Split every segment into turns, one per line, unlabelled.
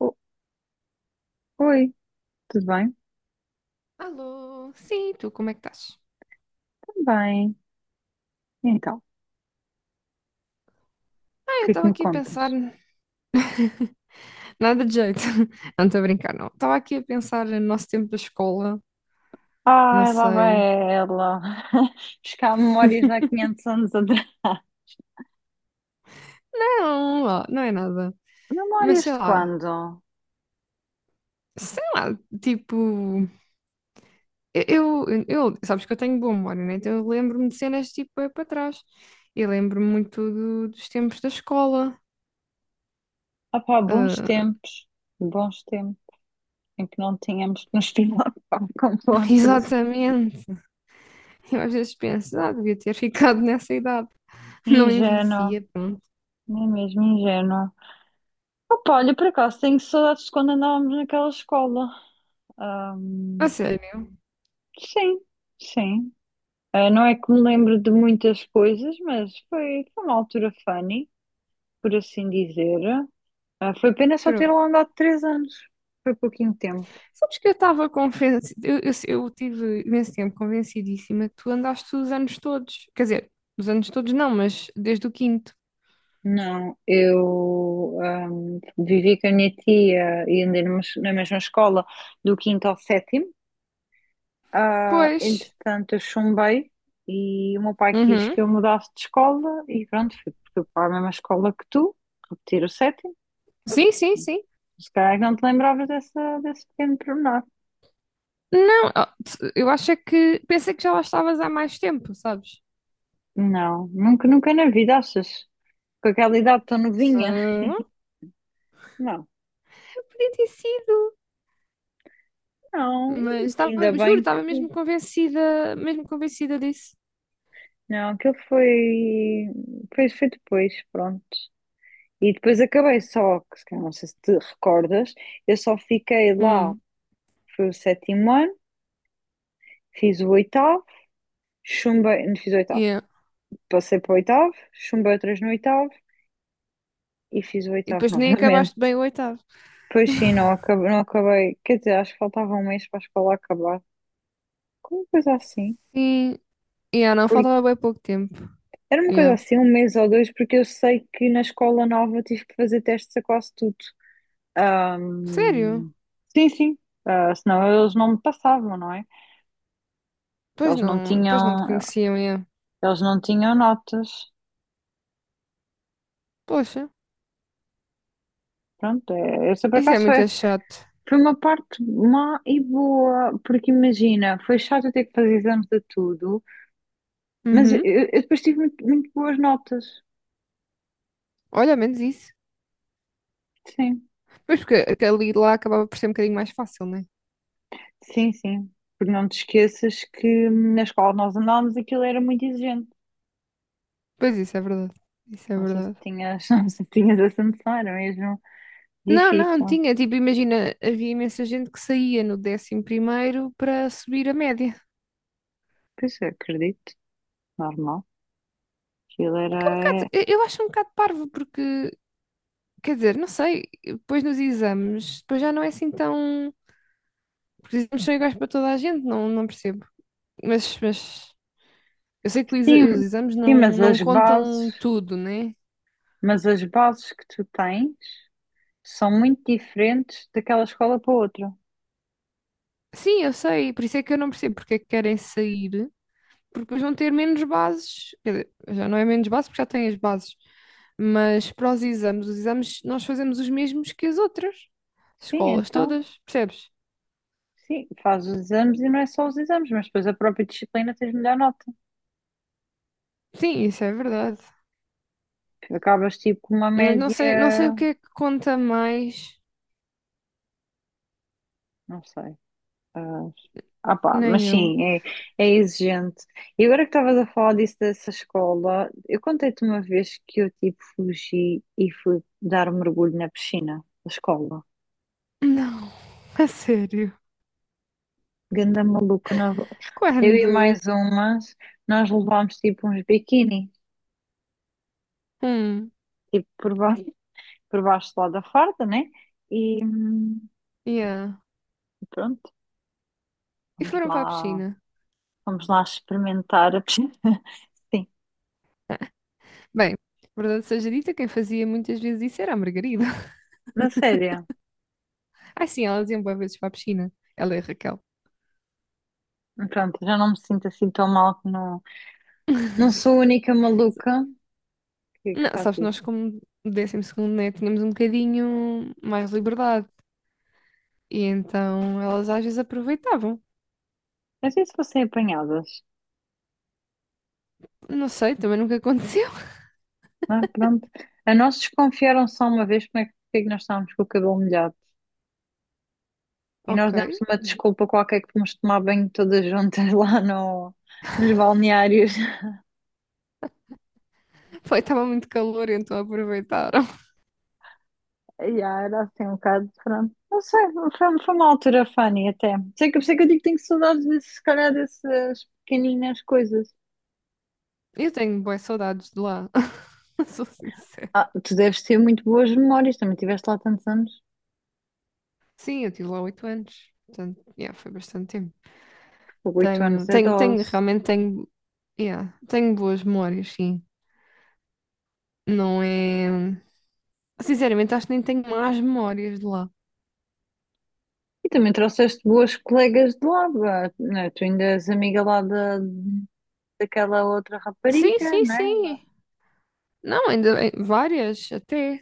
O- Oi, tudo bem?
Alô, sim, tu, como é que estás?
Tudo bem. Então, o
Ah, eu
que é que
estava
me
aqui a pensar.
contas?
Nada de jeito. Não estou a brincar, não. Estava aqui a pensar no nosso tempo da escola, não
Ai, lá vai
sei.
ela. Buscar memórias de há 500 anos atrás.
Não, ó, não é nada. Mas
Memórias
sei
de
lá,
quando?
sei lá, tipo. Sabes que eu tenho boa memória, né? Então eu lembro-me de cenas tipo é para trás. Eu lembro-me muito dos tempos da escola.
Ah pá, bons
Ah,
tempos. Bons tempos em que não tínhamos que nos preocupar com contas.
exatamente. Eu às vezes penso, ah, devia ter ficado nessa idade. Não
Ingênuo,
envelhecia, pronto.
não é mesmo ingênuo. Opa, olha, por acaso tenho saudades de quando andávamos naquela escola.
A
Ahm,
sério?
sim, sim. Ah, não é que me lembro de muitas coisas, mas foi uma altura funny, por assim dizer. Ah, foi pena só ter
Pronto.
lá andado 3 anos. Foi pouquinho tempo.
Sabes que eu estava convencida, eu tive imenso tempo convencidíssima que tu andaste os anos todos. Quer dizer, os anos todos não, mas desde o quinto.
Não, eu vivi com a minha tia e andei numa na mesma escola do quinto ao sétimo. Ah,
Pois.
entretanto, eu chumbei e o meu pai quis
Uhum.
que eu mudasse de escola e pronto, fui para a mesma escola que tu, repetir o sétimo.
Sim, sim, sim.
Se calhar é que não te lembravas desse pequeno pormenor.
Não, ó, eu acho é que pensei que já lá estavas há mais tempo, sabes?
Não, nunca na vida, achas? Com aquela idade tão
Se-
novinha.
não,
Não,
podia ter sido,
não,
mas
ainda
estava, juro,
bem
estava
que.
mesmo convencida disso.
Não, aquilo foi. Foi depois, pronto. E depois acabei só, que se calhar não sei se te recordas, eu só fiquei lá,
Hum,
foi o sétimo ano, fiz o oitavo, chumbei. Não fiz o oitavo,
yeah.
passei para o oitavo, chumbei outras no oitavo e fiz o
E
oitavo
depois nem acabaste
novamente.
bem o oitavo.
Pois sim, não acabei. Quer dizer, acho que faltava 1 mês para a escola acabar. Como coisa assim?
Sim, yeah, não, faltava bem pouco tempo.
Era uma coisa
Yeah.
assim, 1 mês ou 2, porque eu sei que na escola nova eu tive que fazer testes a quase tudo.
Sério?
Ahm, sim. Ah, senão eles não me passavam, não é? Eles não
Pois não te
tinham,
conheciam, é.
eles não tinham notas.
Poxa,
Pronto, essa por
isso é
acaso foi,
muito chato.
foi uma parte má e boa, porque imagina, foi chato eu ter que fazer exames de tudo, mas
Uhum.
eu depois tive muito boas notas.
Olha, ao menos isso.
Sim,
Mas porque aquele lá acabava por ser um bocadinho mais fácil, né?
sim. Porque não te esqueças que na escola nós andávamos, aquilo era muito exigente.
Pois isso é verdade. Isso é
Não sei se
verdade.
tinhas, não sei se tinhas essa noção, era mesmo
Não, não,
difícil.
tinha. Tipo, imagina, havia imensa gente que saía no décimo primeiro para subir a média.
Pois eu acredito, normal. Aquilo
O
era.
que é um bocado,
É,
eu acho um bocado parvo, porque, quer dizer, não sei, depois nos exames, depois já não é assim tão. Porque os exames são iguais para toda a gente, não, não percebo. Mas, mas, Eu sei que os
Sim,
os exames
sim,
não, não contam tudo, né?
mas as bases que tu tens são muito diferentes daquela escola para outra.
Sim, eu sei, por isso é que eu não percebo porque é que querem sair, porque depois vão ter menos bases. Quer dizer, já não é menos bases porque já têm as bases. Mas para os exames nós fazemos os mesmos que as outras
Sim,
escolas
então,
todas, percebes?
sim, fazes os exames e não é só os exames, mas depois a própria disciplina tens melhor nota.
Sim, isso é verdade.
Acabas tipo com uma
Mas não sei, não sei o
média,
que é que conta mais,
não sei. Ah, ah, pá,
nem
mas
eu.
sim, é exigente. E agora que estavas a falar disso dessa escola, eu contei-te uma vez que eu tipo fugi e fui dar um mergulho na piscina da escola.
Não, a sério.
Ganda maluca, eu e
Quando?
mais umas, nós levámos tipo uns biquíni,
Hum,
tipo por baixo lá da farda, né? E
yeah.
pronto,
E
vamos
foram para a
lá,
piscina.
vamos lá experimentar a piscina. Sim,
Bem, verdade seja dita, quem fazia muitas vezes isso era a Margarida.
na sério.
Ai sim, elas iam boas vezes para a piscina. Ela e a Raquel.
Pronto, já não me sinto assim tão mal. Não sou a única maluca que
Não,
faz
sabes,
isso.
nós como décimo segundo, né, tínhamos um bocadinho mais liberdade. E então elas às vezes aproveitavam.
Às vezes fossem apanhadas,
Não sei, também nunca aconteceu.
não é? Pronto. A nós desconfiaram só uma vez como é que, porque é que nós estávamos com o cabelo molhado. E nós
Ok.
demos uma desculpa qualquer que fomos tomar banho todas juntas lá no, nos balneários.
Foi, estava muito calor, então aproveitaram.
E ah, era assim um bocado, pronto. Não sei, foi uma altura funny até. Sei que, por isso é que eu digo que tenho saudades, desse, se calhar, dessas pequeninas coisas.
Eu tenho boas saudades de lá. Sou sincera.
Ah, tu deves ter muito boas memórias, também tiveste lá tantos anos.
Sim, eu tive lá 8 anos. Portanto, yeah, foi bastante tempo.
8 anos é dose.
Realmente tenho, yeah, tenho boas memórias, sim. Não é. Sinceramente, acho que nem tenho más memórias de lá.
E também trouxeste boas colegas de lá, vá, né? Tu ainda és amiga daquela outra
Sim,
rapariga,
sim,
né?
sim. Não, ainda bem, várias até.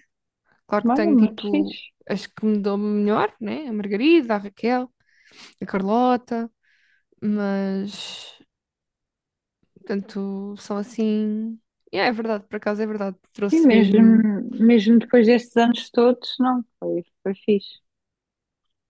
Claro que
Mas é
tenho
muito
tipo
fixe.
as que me dão melhor, né? A Margarida, a Raquel, a Carlota, mas portanto são assim. Yeah, é verdade, por acaso é verdade.
Sim,
Trouxe mesmo.
mesmo depois destes anos todos, não, foi fixe.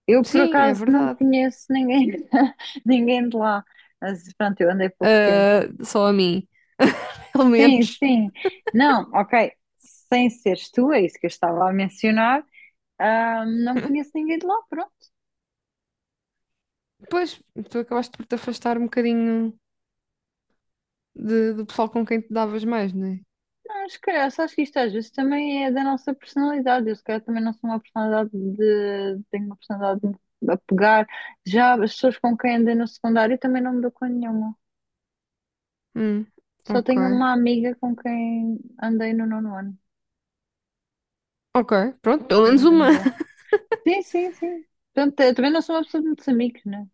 Eu, por
Sim, é
acaso, não
verdade.
conheço ninguém, ninguém de lá. Mas, pronto, eu andei pouco tempo.
Ah, só a mim, pelo menos.
Sim. Não, ok. Sem seres tu, é isso que eu estava a mencionar. Ah, não conheço ninguém de lá, pronto.
Pois, tu acabaste por te afastar um bocadinho de- do pessoal com quem te davas mais, né?
Acho que isto às vezes também é da nossa personalidade. Eu, se calhar, também não sou uma personalidade de. Tenho uma personalidade de me apegar. Já as pessoas com quem andei no secundário também não me dou com nenhuma.
Hum,
Só
ok.
tenho uma amiga com quem andei no nono ano,
Ok, pronto, pelo
que
menos
ainda me
uma.
dou. Sim. Portanto, eu também não sou uma pessoa de muitos amigos, né?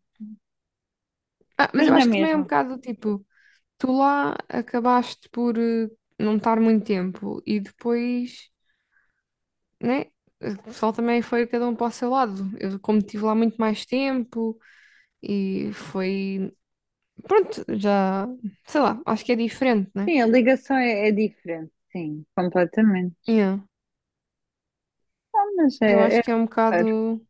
Ah, mas
Mas
eu
não é
acho que também é
mesmo.
um bocado tipo, tu lá acabaste por não estar muito tempo e depois, né? O pessoal também foi cada um para o seu lado. Eu, como estive lá muito mais tempo e foi. Pronto, já. Sei lá, acho que é diferente, né?
Sim, a ligação é diferente, sim, completamente.
Yeah.
Ah, mas
Eu
é
acho que é um
raro.
bocado.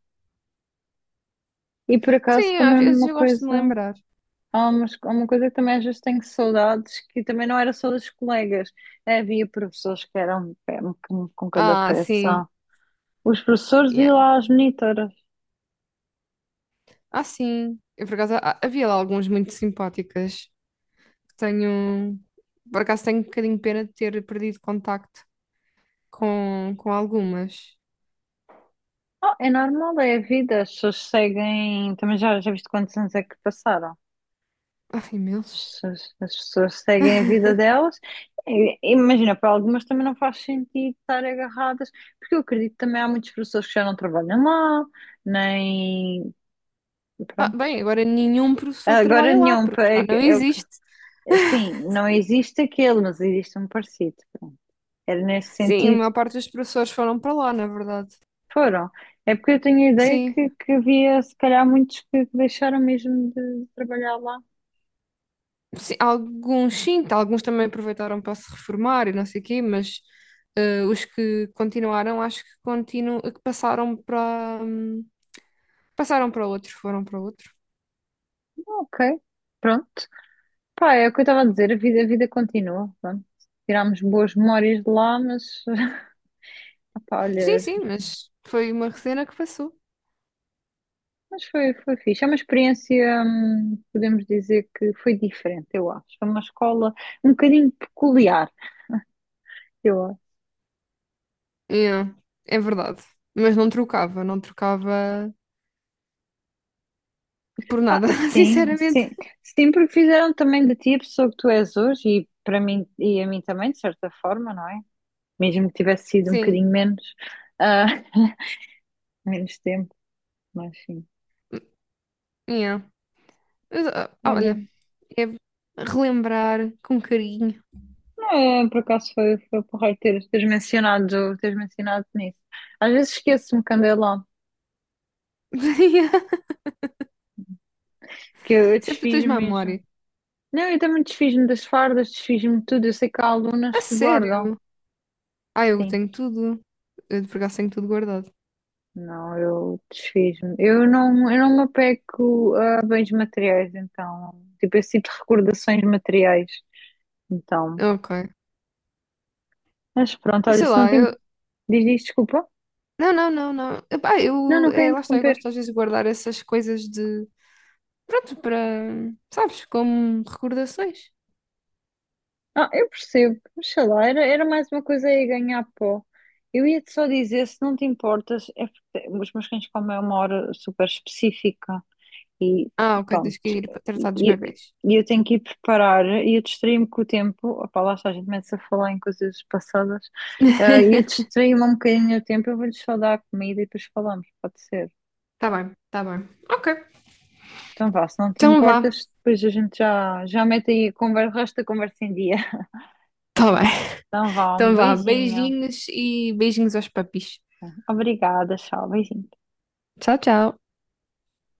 E por acaso
Sim, às
também
vezes
uma
eu gosto de
coisa.
me lembrar.
Há, mas há uma coisa que também às vezes tenho saudades, que também não era só dos colegas. É, havia professores que eram pé com cada
Ah, sim.
peça. Os professores e
Yeah.
lá as monitoras.
Ah, sim. Eu, por acaso, havia lá alguns muito simpáticas. Tenho, por acaso tenho um bocadinho de pena de ter perdido contacto com algumas.
Oh, é normal, é a vida. As pessoas seguem. Também já viste quantos anos é que passaram?
Ah, imensos.
As pessoas seguem a vida delas. Imagina, para algumas também não faz sentido estar agarradas, porque eu acredito que também há muitos professores que já não trabalham lá, nem.
Ah,
Pronto.
bem, agora nenhum professor
Agora
trabalha lá,
nenhum,
porque já não
é, o que,
existe.
sim, não existe aquele, mas existe um parecido. Pronto. Era nesse
Sim, a
sentido,
maior parte dos professores foram para lá, na verdade.
foram. É porque eu tenho a ideia
Sim,
que havia, se calhar, muitos que deixaram mesmo de trabalhar lá.
sim, alguns sim, tá, alguns também aproveitaram para se reformar e não sei o quê, mas os que continuaram, acho que, continu que passaram para, passaram para outro, foram para outro.
Ah, ok, pronto. Pá, é o que eu estava a dizer, a vida continua. Pronto. Tirámos boas memórias de lá, mas, pá,
Sim,
olha,
sim, mas foi uma cena que passou.
mas foi fixe. É uma experiência, podemos dizer que foi diferente, eu acho. Foi uma escola um bocadinho peculiar, eu.
Yeah, é verdade. Mas não trocava por
Ah,
nada, sinceramente.
sim. Sempre fizeram também de ti a pessoa que tu és hoje e para mim e a mim também, de certa forma, não é? Mesmo que tivesse sido um
Sim,
bocadinho menos, ah, menos tempo, mas sim.
yeah. Mas, ah, olha,
Olha,
é relembrar com carinho.
não, é, por acaso foi porreiro teres mencionado nisso. Às vezes esqueço-me quando é lá,
Yeah,
que eu
isso é porque tu tens
desfiz-me
má
mesmo.
memória.
Não, eu também desfiz-me das fardas, desfiz-me de tudo. Eu sei que há
A
alunas que guardam.
sério? Ah, eu
Sim.
tenho tudo. Eu de por acaso tenho tudo guardado.
Não, eu desfiz-me. Eu não me apego a bens materiais, então. Tipo, eu sinto recordações materiais. Então.
Ok.
Mas pronto, olha,
Sei
se não
lá,
tem.
eu.
Diz, desculpa.
Não, não, não, não. Epá,
Não,
eu.
não quero
É, lá está, eu
interromper.
gosto às vezes de guardar essas coisas de. Pronto, para. Sabes, como recordações.
Ah, eu percebo. Mas sei lá, era mais uma coisa aí ganhar pó. Eu ia-te só dizer, se não te importas, é porque os meus cães comem a uma hora super específica. E
Ah, ok,
pronto.
tens que ir para tratar dos
E, e-
bebés.
e eu tenho que ir preparar e eu distraí-me com o tempo. Opá, lá está, a gente começa a falar em coisas passadas. Ah, e eu distraí-me um bocadinho o tempo. Eu vou-lhes só dar a comida e depois falamos, pode ser.
Tá bem, tá bem. Ok.
Então vá, se não te
Então vá.
importas, depois a gente já mete aí a conversa, o resto da conversa em dia.
Tá bem.
Então vá, um
Então vá.
beijinho.
Beijinhos e beijinhos aos papis.
Obrigada, tchau, beijinho.
Tchau, tchau.